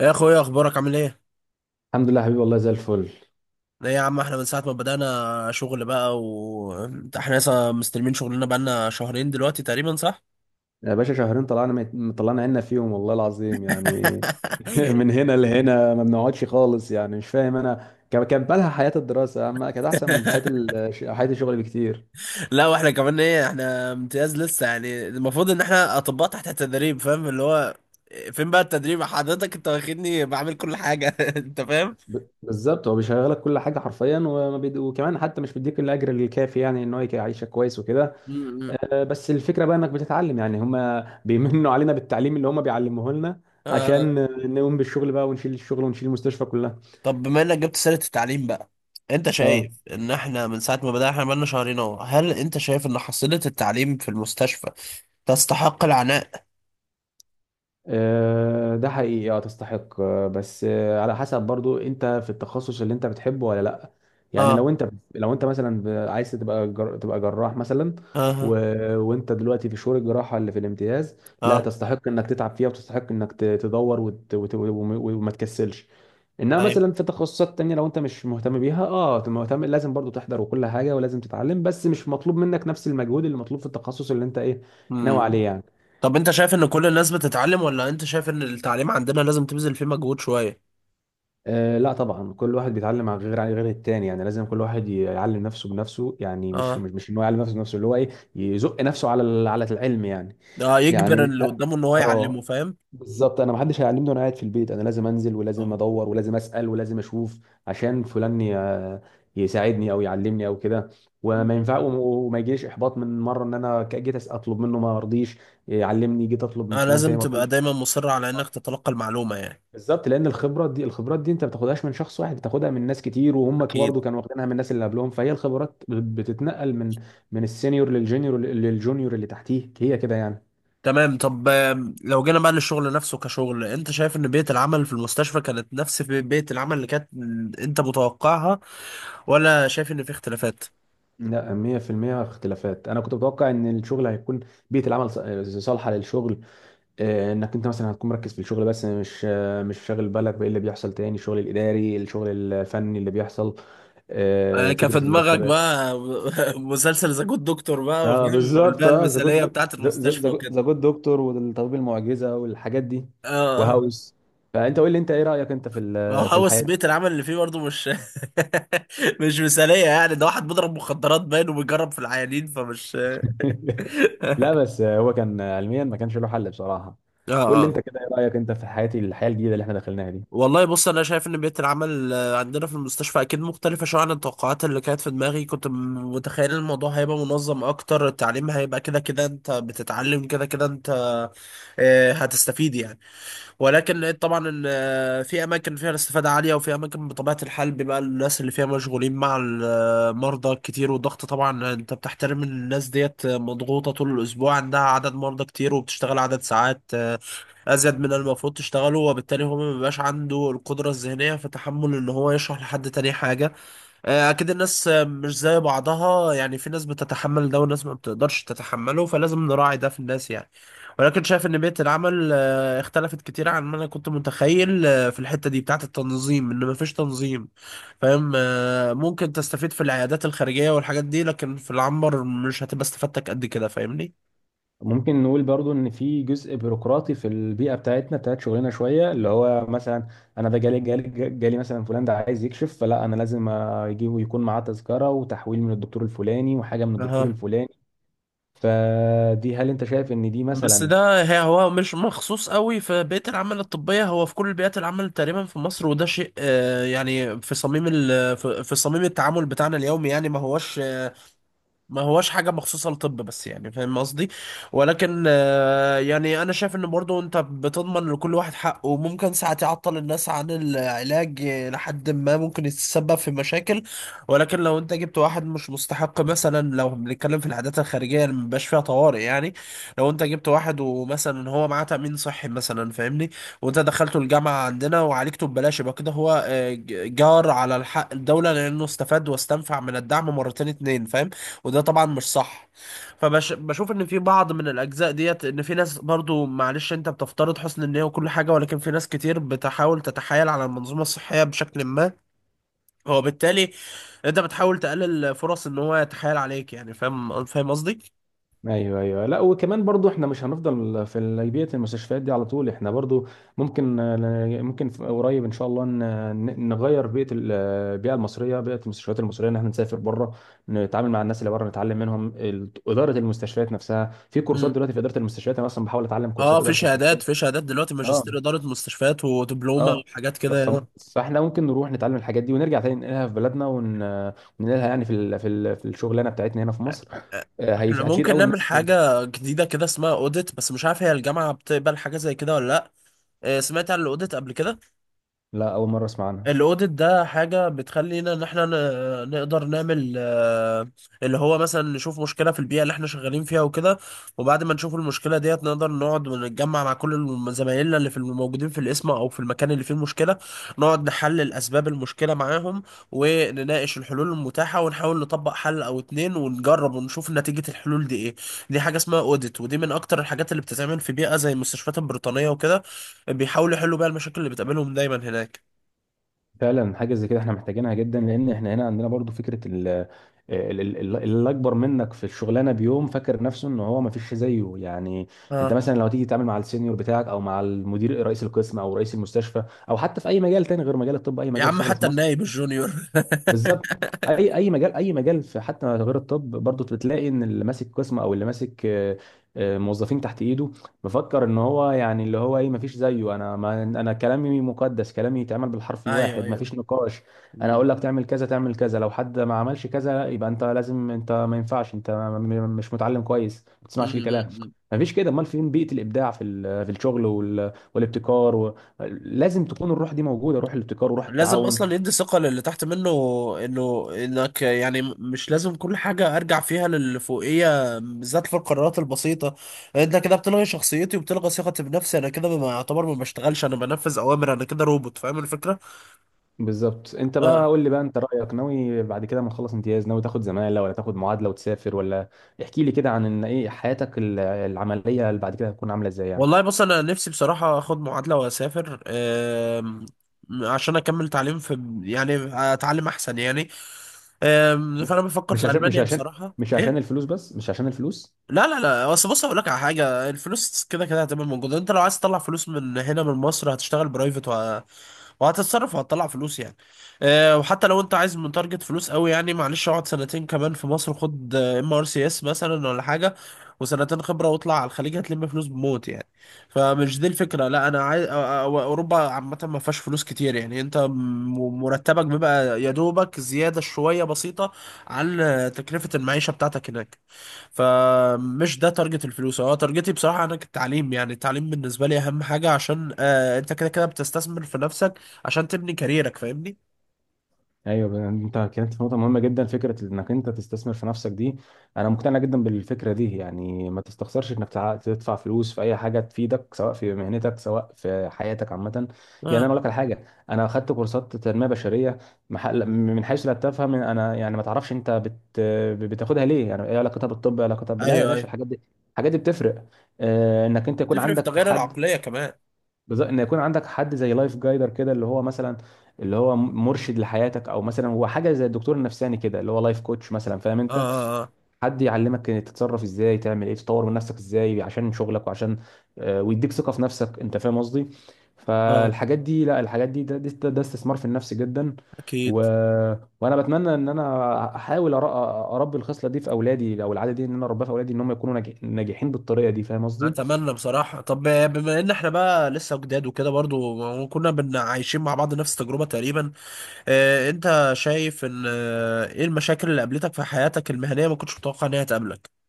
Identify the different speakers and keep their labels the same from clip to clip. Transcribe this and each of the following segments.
Speaker 1: إيه يا اخويا، اخبارك؟ عامل ايه؟
Speaker 2: الحمد لله حبيبي، والله زي الفل.
Speaker 1: ايه يا عم، احنا من ساعه ما بدانا شغل بقى و احنا لسه مستلمين شغلنا، بقالنا شهرين دلوقتي تقريبا، صح؟
Speaker 2: يا باشا، شهرين طلعنا، طلعنا عنا فيهم والله العظيم يعني. من هنا لهنا ما بنقعدش خالص يعني، مش فاهم. انا كان بالها حياة الدراسة اما كانت احسن من حياة حياة الشغل بكتير.
Speaker 1: لا، واحنا كمان ايه، احنا امتياز لسه، يعني المفروض ان احنا اطباء تحت التدريب، فاهم اللي هو فين بقى التدريب؟ حضرتك انت واخدني بعمل كل حاجه. انت فاهم.
Speaker 2: بالظبط، هو بيشغلك كل حاجة حرفيا، وكمان حتى مش بيديك الاجر الكافي يعني ان هو يعيشك كويس وكده.
Speaker 1: م- م.
Speaker 2: بس الفكرة بقى انك بتتعلم، يعني هما بيمنوا علينا بالتعليم اللي هما بيعلموه لنا
Speaker 1: اه
Speaker 2: عشان نقوم بالشغل بقى ونشيل الشغل ونشيل المستشفى كلها.
Speaker 1: طب، بما انك جبت سيرة التعليم بقى، انت
Speaker 2: اه،
Speaker 1: شايف ان احنا من ساعة ما بدأنا، احنا بقالنا شهرين اهو، هل انت شايف ان حصيلة التعليم في المستشفى تستحق العناء؟
Speaker 2: ده حقيقي، تستحق، آه، بس آه، على حسب برضو انت في التخصص اللي انت بتحبه ولا لا. يعني
Speaker 1: اه.
Speaker 2: لو انت، لو انت مثلا عايز تبقى تبقى جراح مثلا، و...
Speaker 1: اه.
Speaker 2: وانت دلوقتي في شهور الجراحة اللي في الامتياز، لا،
Speaker 1: اه.
Speaker 2: تستحق انك تتعب فيها، وتستحق انك تدور وما تكسلش. انما
Speaker 1: ايوه.
Speaker 2: مثلا في تخصصات تانية لو انت مش مهتم بيها، تبقى مهتم، لازم برضو تحضر وكل حاجة ولازم تتعلم، بس مش مطلوب منك نفس المجهود اللي مطلوب في التخصص اللي انت ايه ناوي
Speaker 1: مم.
Speaker 2: عليه يعني.
Speaker 1: طب انت شايف ان كل الناس بتتعلم، ولا انت شايف ان التعليم عندنا لازم تبذل فيه مجهود شوية؟
Speaker 2: أه، لا طبعا، كل واحد بيتعلم عن غير التاني. يعني لازم كل واحد يعلم نفسه بنفسه، يعني مش
Speaker 1: اه.
Speaker 2: مش مش ان هو يعلم نفسه بنفسه اللي هو ايه، يزق نفسه على على العلم يعني.
Speaker 1: اه، يجبر
Speaker 2: يعني،
Speaker 1: اللي قدامه ان هو
Speaker 2: اه
Speaker 1: يعلمه، فاهم؟
Speaker 2: بالظبط. انا ما حدش هيعلمني وانا قاعد في البيت، انا لازم انزل ولازم
Speaker 1: اه.
Speaker 2: ادور ولازم اسال ولازم اشوف عشان فلان يساعدني او يعلمني او كده. وما ينفع
Speaker 1: مم.
Speaker 2: وما يجيش احباط من مره ان انا جيت اطلب منه ما رضيش يعلمني، جيت اطلب من
Speaker 1: آه،
Speaker 2: فلان تاني
Speaker 1: لازم
Speaker 2: ما
Speaker 1: تبقى
Speaker 2: رضيش.
Speaker 1: دايما مصر على انك تتلقى المعلومة يعني.
Speaker 2: بالظبط، لان الخبره دي الخبرات دي انت ما بتاخدهاش من شخص واحد، بتاخدها من ناس كتير، وهم
Speaker 1: اكيد.
Speaker 2: برضه كانوا واخدينها من الناس اللي قبلهم، فهي الخبرات بتتنقل من السينيور للجونيور، للجونيور اللي تحتيه، هي كده يعني.
Speaker 1: تمام. طب، لو جينا بقى للشغل نفسه كشغل، انت شايف ان بيئة العمل في المستشفى كانت نفس بيئة العمل اللي كانت انت متوقعها، ولا شايف ان في اختلافات؟
Speaker 2: لا، 100% اختلافات. انا كنت متوقع ان الشغل هيكون، بيئه العمل صالحه للشغل، انك انت مثلا هتكون مركز في الشغل بس مش، مش شاغل بالك بايه اللي بيحصل تاني، الشغل الاداري، الشغل الفني اللي بيحصل،
Speaker 1: آه، كان في
Speaker 2: فكره
Speaker 1: دماغك
Speaker 2: المرتبات.
Speaker 1: بقى مسلسل ذا جود دكتور بقى،
Speaker 2: اه
Speaker 1: وفيلم،
Speaker 2: بالظبط،
Speaker 1: والبيئة المثالية بتاعة المستشفى وكده.
Speaker 2: ذا جود دكتور، والطبيب المعجزه والحاجات دي،
Speaker 1: اه،
Speaker 2: وهاوس. فانت قول لي، انت ايه رايك انت في
Speaker 1: ما هو
Speaker 2: في الحياه
Speaker 1: هوس
Speaker 2: دي؟
Speaker 1: بيئة العمل اللي فيه برضه مش مش مثالية يعني، ده واحد بيضرب مخدرات باين وبيجرب في العيانين، فمش
Speaker 2: لا بس هو كان علميا ما كانش له حل بصراحه.
Speaker 1: اه.
Speaker 2: قول لي انت
Speaker 1: اه.
Speaker 2: كده، ايه رايك انت في حياه، الحياه الجديده اللي احنا دخلناها دي؟
Speaker 1: والله بص، انا شايف ان بيئه العمل عندنا في المستشفى اكيد مختلفه شويه عن التوقعات اللي كانت في دماغي. كنت متخيل الموضوع هيبقى منظم اكتر، التعليم هيبقى كده كده انت بتتعلم، كده كده انت هتستفيد يعني. ولكن لقيت طبعا ان في اماكن فيها الاستفاده عاليه، وفي اماكن بطبيعه الحال بيبقى الناس اللي فيها مشغولين مع المرضى كتير، والضغط طبعا. انت بتحترم ان الناس ديت مضغوطه طول الاسبوع، عندها عدد مرضى كتير وبتشتغل عدد ساعات ازيد من المفروض تشتغله، وبالتالي هو ما بيبقاش عنده القدره الذهنيه في تحمل ان هو يشرح لحد تاني حاجه. اكيد الناس مش زي بعضها، يعني في ناس بتتحمل ده وناس ما بتقدرش تتحمله، فلازم نراعي ده في الناس يعني. ولكن شايف ان بيئه العمل اختلفت كتير عن ما انا كنت متخيل، في الحته دي بتاعه التنظيم، ان ما فيش تنظيم. فاهم، ممكن تستفيد في العيادات الخارجيه والحاجات دي، لكن في العنبر مش هتبقى استفادتك قد كده، فاهمني؟
Speaker 2: ممكن نقول برضو ان في جزء بيروقراطي في البيئه بتاعتنا، بتاعت شغلنا شويه، اللي هو مثلا، انا ده جالي مثلا فلان ده عايز يكشف، فلا انا لازم اجيبه يكون معاه تذكره وتحويل من الدكتور الفلاني وحاجه من الدكتور
Speaker 1: أها،
Speaker 2: الفلاني، فدي هل انت شايف ان دي
Speaker 1: بس
Speaker 2: مثلا؟
Speaker 1: ده هو مش مخصوص قوي في بيئة العمل الطبية، هو في كل بيئات العمل تقريبا في مصر، وده شيء يعني في صميم التعامل بتاعنا اليومي، يعني ما هوش حاجة مخصوصة للطب بس، يعني فاهم قصدي. ولكن يعني أنا شايف إن برضو أنت بتضمن لكل واحد حقه، وممكن ساعة تعطل الناس عن العلاج لحد ما ممكن يتسبب في مشاكل. ولكن لو أنت جبت واحد مش مستحق، مثلا لو بنتكلم في العادات الخارجية اللي مبيبقاش فيها طوارئ يعني، لو أنت جبت واحد ومثلا هو معاه تأمين صحي مثلا، فاهمني؟ وأنت دخلته الجامعة عندنا وعالجته ببلاش، يبقى كده هو جار على الحق، الدولة لأنه استفاد واستنفع من الدعم مرتين اتنين، فاهم؟ وده طبعا مش صح. فبشوف ان في بعض من الاجزاء ديت، ان في ناس برضو، معلش انت بتفترض حسن النية وكل حاجة، ولكن في ناس كتير بتحاول تتحايل على المنظومة الصحية بشكل ما، هو بالتالي انت بتحاول تقلل فرص ان هو يتحايل عليك، يعني فاهم، فاهم قصدي؟
Speaker 2: ايوه، ايوه. لا، وكمان برضو احنا مش هنفضل في بيئه المستشفيات دي على طول، احنا برضو ممكن، قريب ان شاء الله نغير بيئه البيئه المصريه، بيئه المستشفيات المصريه، ان احنا نسافر بره، نتعامل مع الناس اللي بره، نتعلم منهم اداره المستشفيات نفسها. في كورسات
Speaker 1: امم
Speaker 2: دلوقتي في اداره المستشفيات، انا اصلا بحاول اتعلم
Speaker 1: اه،
Speaker 2: كورسات
Speaker 1: في
Speaker 2: اداره
Speaker 1: شهادات
Speaker 2: مستشفيات.
Speaker 1: في شهادات دلوقتي،
Speaker 2: اه.
Speaker 1: ماجستير إدارة مستشفيات ودبلومة
Speaker 2: اه.
Speaker 1: وحاجات
Speaker 2: ف-
Speaker 1: كده يعني.
Speaker 2: ف- فاحنا ممكن نروح نتعلم الحاجات دي ونرجع تاني ننقلها في بلدنا وننقلها يعني في في الشغلانه بتاعتنا هنا في مصر،
Speaker 1: احنا
Speaker 2: هتفيد
Speaker 1: ممكن
Speaker 2: قوي
Speaker 1: نعمل
Speaker 2: الناس.
Speaker 1: حاجة جديدة كده اسمها اوديت، بس مش عارف هي الجامعة بتقبل حاجة زي كده ولا لا. آه، سمعت عن الاوديت قبل كده؟
Speaker 2: لا، اول مره اسمع عنها.
Speaker 1: الاوديت ده حاجه بتخلينا ان احنا نقدر نعمل، اللي هو مثلا نشوف مشكله في البيئه اللي احنا شغالين فيها وكده، وبعد ما نشوف المشكله ديت، نقدر نقعد ونتجمع مع كل زمايلنا اللي في الموجودين في القسم او في المكان اللي فيه المشكله، نقعد نحلل اسباب المشكله معاهم، ونناقش الحلول المتاحه، ونحاول نطبق حل او اتنين ونجرب ونشوف نتيجه الحلول دي ايه. دي حاجه اسمها اوديت، ودي من اكتر الحاجات اللي بتتعمل في بيئه زي المستشفيات البريطانيه وكده، بيحاولوا يحلوا بيها المشاكل اللي بتقابلهم دايما هناك.
Speaker 2: فعلا حاجه زي كده احنا محتاجينها جدا، لان احنا هنا عندنا برضو فكره اللي اكبر منك في الشغلانه بيوم فاكر نفسه ان هو ما فيش زيه يعني. انت مثلا لو تيجي تتعامل مع السينيور بتاعك، او مع المدير رئيس القسم، او رئيس المستشفى، او حتى في اي مجال تاني غير مجال الطب، اي
Speaker 1: يا
Speaker 2: مجال
Speaker 1: عم
Speaker 2: شغل في
Speaker 1: حتى
Speaker 2: مصر،
Speaker 1: النايب الجونيور.
Speaker 2: بالظبط، اي مجال، اي مجال، في حتى غير الطب برضه، بتلاقي ان اللي ماسك قسم او اللي ماسك موظفين تحت ايده، بفكر ان هو يعني اللي هو ايه، ما فيش زيه، انا، ما انا كلامي مقدس، كلامي يتعمل بالحرف
Speaker 1: ايوه،
Speaker 2: الواحد، ما
Speaker 1: ايوه.
Speaker 2: فيش نقاش. انا
Speaker 1: مم.
Speaker 2: اقول لك تعمل كذا تعمل كذا، لو حد ما عملش كذا، لا، يبقى انت لازم، انت ما ينفعش، مش متعلم كويس، ما
Speaker 1: مم.
Speaker 2: بتسمعش الكلام.
Speaker 1: مم.
Speaker 2: ما فيش كده، امال فين بيئة الابداع في في الشغل والابتكار لازم تكون الروح دي موجودة، روح الابتكار وروح
Speaker 1: لازم
Speaker 2: التعاون.
Speaker 1: اصلا يدي ثقه للي تحت منه، انه انك يعني مش لازم كل حاجه ارجع فيها للفوقيه، بالذات في القرارات البسيطه. انت كده بتلغي شخصيتي وبتلغي ثقتي بنفسي، انا كده ما يعتبر ما بشتغلش، انا بنفذ اوامر، انا كده روبوت، فاهم الفكره؟
Speaker 2: بالظبط. انت بقى
Speaker 1: اه.
Speaker 2: قول لي بقى، انت رايك، ناوي بعد كده ما تخلص امتياز، ناوي تاخد زماله، ولا تاخد معادله وتسافر، ولا احكي لي كده عن، ان ايه، حياتك العمليه اللي بعد كده هتكون عامله ازاي يعني؟
Speaker 1: والله بص، انا نفسي بصراحه اخد معادله واسافر، عشان اكمل تعليم في، يعني اتعلم احسن يعني. فانا بفكر
Speaker 2: مش
Speaker 1: في
Speaker 2: عشان مش
Speaker 1: المانيا
Speaker 2: عشان
Speaker 1: بصراحه.
Speaker 2: مش عشان
Speaker 1: إيه؟
Speaker 2: الفلوس، بس مش عشان الفلوس.
Speaker 1: لا، لا، لا. اصل بص اقول لك على حاجه، الفلوس كده كده هتبقى موجوده، انت لو عايز تطلع فلوس من هنا من مصر هتشتغل برايفت، وهتتصرف وهتطلع فلوس يعني. أه، وحتى لو انت عايز من تارجت فلوس قوي يعني، معلش اقعد سنتين كمان في مصر، خد MRCS مثلا ولا حاجه، وسنتين خبره واطلع على الخليج هتلم فلوس بموت يعني. فمش دي الفكره، لا، انا عايز اوروبا عامه ما فيهاش فلوس كتير، يعني انت مرتبك بيبقى يا دوبك زياده شويه بسيطه عن تكلفه المعيشه بتاعتك هناك. فمش ده تارجت الفلوس، هو تارجتي بصراحة أنا التعليم، يعني التعليم بالنسبة لي أهم حاجة، عشان أنت كده كده بتستثمر في نفسك، عشان تبني كاريرك، فاهمني؟
Speaker 2: ايوه. انت كانت في نقطه مهمه جدا، فكره انك انت تستثمر في نفسك دي. انا مقتنع جدا بالفكره دي، يعني ما تستخسرش انك تدفع فلوس في اي حاجه تفيدك، سواء في مهنتك، سواء في حياتك عامه. يعني انا
Speaker 1: اه.
Speaker 2: اقول لك على حاجه، انا اخدت كورسات تنميه بشريه، محل من حيث لا تفهم انا، يعني ما تعرفش انت بتاخدها ليه، يعني ايه علاقتها بالطب، إيه علاقتها لا يا
Speaker 1: أيوه،
Speaker 2: باشا،
Speaker 1: أيوه،
Speaker 2: الحاجات دي، الحاجات دي بتفرق، انك انت يكون
Speaker 1: بتفرق في
Speaker 2: عندك
Speaker 1: تغيير
Speaker 2: حد.
Speaker 1: العقلية كمان.
Speaker 2: بالظبط، ان يكون عندك حد زي لايف جايدر كده، اللي هو مثلا، اللي هو مرشد لحياتك، او مثلا هو حاجه زي الدكتور النفساني كده اللي هو لايف كوتش مثلا، فاهم
Speaker 1: اه.
Speaker 2: انت،
Speaker 1: اه.
Speaker 2: حد يعلمك تتصرف ازاي، تعمل ايه، تطور من نفسك ازاي عشان شغلك، وعشان ويديك ثقه في نفسك، انت فاهم قصدي.
Speaker 1: اه. آه،
Speaker 2: فالحاجات دي، لا، الحاجات دي ده استثمار في النفس جدا. و...
Speaker 1: أكيد.
Speaker 2: وانا بتمنى ان انا احاول اربي الخصله دي في اولادي، او العاده دي، ان انا اربيها في اولادي، ان هم يكونوا ناجحين بالطريقه دي، فاهم قصدي.
Speaker 1: أتمنى بصراحة. طب، بما إن إحنا بقى لسه جداد وكده، برضو كنا عايشين مع بعض نفس التجربة تقريبا، أنت شايف إن إيه المشاكل اللي قابلتك في حياتك المهنية ما كنتش متوقع إنها تقابلك؟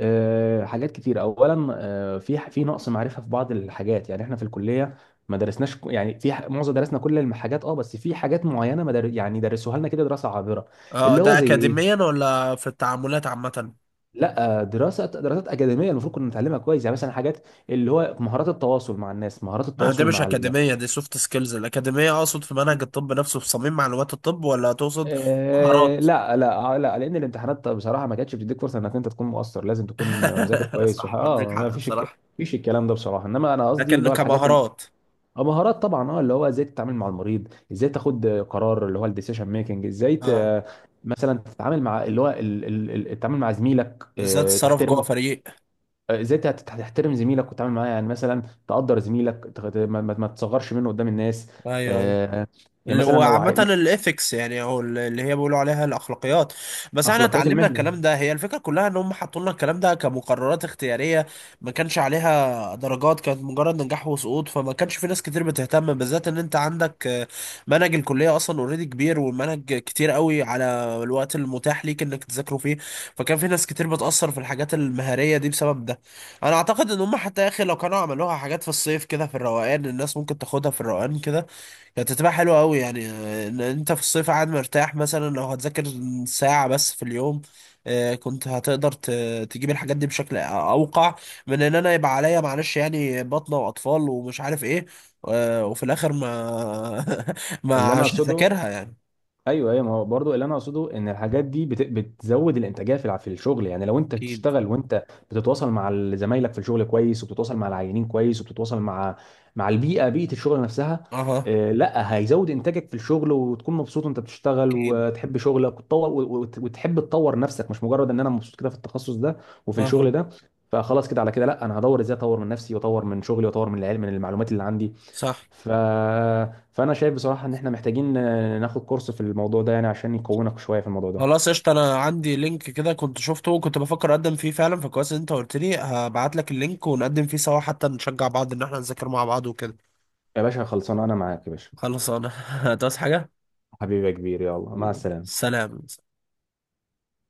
Speaker 2: حاجات كتير. اولا في نقص معرفه في بعض الحاجات. يعني احنا في الكليه ما درسناش يعني معظم درسنا كل الحاجات، اه، بس في حاجات معينه ما در... يعني درسوها لنا كده دراسه عابره.
Speaker 1: اه،
Speaker 2: اللي هو
Speaker 1: ده
Speaker 2: زي
Speaker 1: أكاديميا
Speaker 2: ايه؟
Speaker 1: ولا في التعاملات عامة؟
Speaker 2: لا، دراسات اكاديميه المفروض كنا نتعلمها كويس، يعني مثلا حاجات اللي هو مهارات التواصل مع الناس، مهارات
Speaker 1: ما ده
Speaker 2: التواصل
Speaker 1: مش
Speaker 2: مع
Speaker 1: أكاديمية، دي سوفت سكيلز. الأكاديمية أقصد في منهج الطب نفسه، في صميم معلومات الطب، ولا تقصد مهارات؟
Speaker 2: لا، لا، لا، لان الامتحانات بصراحه ما كانتش بتديك فرصه انك انت تكون مؤثر، لازم تكون مذاكر كويس وح...
Speaker 1: صح، عندك
Speaker 2: اه ما
Speaker 1: حق
Speaker 2: فيش
Speaker 1: بصراحة.
Speaker 2: فيش الكلام ده بصراحه، انما انا قصدي
Speaker 1: لكن
Speaker 2: اللي هو الحاجات،
Speaker 1: كمهارات،
Speaker 2: اه مهارات طبعا، اللي هو ازاي تتعامل مع المريض، ازاي تاخد قرار اللي هو الديسيشن ميكنج، ازاي ت...
Speaker 1: اه،
Speaker 2: آه، مثلا تتعامل مع اللي هو التعامل مع زميلك
Speaker 1: ازاي تتصرف جوه
Speaker 2: تحترمه،
Speaker 1: فريق.
Speaker 2: ازاي تحترم زميلك وتتعامل معاه، يعني مثلا تقدر زميلك، ما تصغرش منه قدام الناس،
Speaker 1: ايوه، ايوه.
Speaker 2: آه، يعني
Speaker 1: اللي هو
Speaker 2: مثلا
Speaker 1: عامة الإيثكس يعني، أو اللي هي بيقولوا عليها الأخلاقيات. بس احنا
Speaker 2: اخلاقيات
Speaker 1: اتعلمنا
Speaker 2: المهنه،
Speaker 1: الكلام ده، هي الفكرة كلها إن هم حطوا لنا الكلام ده كمقررات اختيارية، ما كانش عليها درجات، كانت مجرد نجاح وسقوط، فما كانش في ناس كتير بتهتم، بالذات إن أنت عندك منهج الكلية أصلا أوريدي كبير، والمنهج كتير قوي على الوقت المتاح ليك إنك تذاكره فيه، فكان في ناس كتير بتأثر في الحاجات المهارية دي بسبب ده. أنا أعتقد إن هم حتى يا أخي، لو كانوا عملوها حاجات في الصيف كده في الروقان، الناس ممكن تاخدها في الروقان كده، كانت هتبقى حلوة أوي يعني، إن أنت في الصيف قاعد مرتاح، مثلا لو هتذاكر ساعة بس في اليوم، كنت هتقدر تجيب الحاجات دي بشكل أوقع، من إن أنا يبقى عليا معلش يعني بطنة وأطفال ومش عارف إيه، وفي الآخر ما
Speaker 2: اللي
Speaker 1: ما
Speaker 2: انا
Speaker 1: مش
Speaker 2: اقصده.
Speaker 1: هذاكرها يعني.
Speaker 2: ايوه، ايوه، ما هو برضه اللي انا اقصده ان الحاجات دي بتزود الانتاجيه في في الشغل. يعني لو انت
Speaker 1: أكيد.
Speaker 2: بتشتغل وانت بتتواصل مع زمايلك في الشغل كويس، وبتتواصل مع العينين كويس، وبتتواصل مع البيئه، بيئه الشغل نفسها،
Speaker 1: أها.
Speaker 2: لا، هيزود انتاجك في الشغل، وتكون مبسوط وانت بتشتغل
Speaker 1: أكيد.
Speaker 2: وتحب شغلك وتطور وتحب تطور نفسك، مش مجرد ان انا مبسوط كده في التخصص ده وفي الشغل
Speaker 1: أها.
Speaker 2: ده. فخلاص، كده على كده، لا، انا هدور ازاي اطور من نفسي، واطور من شغلي، واطور من العلم، من المعلومات اللي عندي.
Speaker 1: صح.
Speaker 2: ف... فانا شايف بصراحه ان احنا محتاجين ناخد كورس في الموضوع ده يعني عشان يقوينا شويه في الموضوع ده.
Speaker 1: خلاص قشطة، أنا عندي لينك كده كنت شفته وكنت بفكر أقدم فيه فعلا، فكويس إن أنت قلت لي، هبعت لك اللينك ونقدم فيه سوا، حتى نشجع بعض إن إحنا نذاكر مع بعض وكده.
Speaker 2: يا باشا خلصان، انا معاك يا باشا.
Speaker 1: خلاص، انا هتعوز حاجة؟
Speaker 2: حبيبي يا كبير، يلا مع السلامه.
Speaker 1: سلام.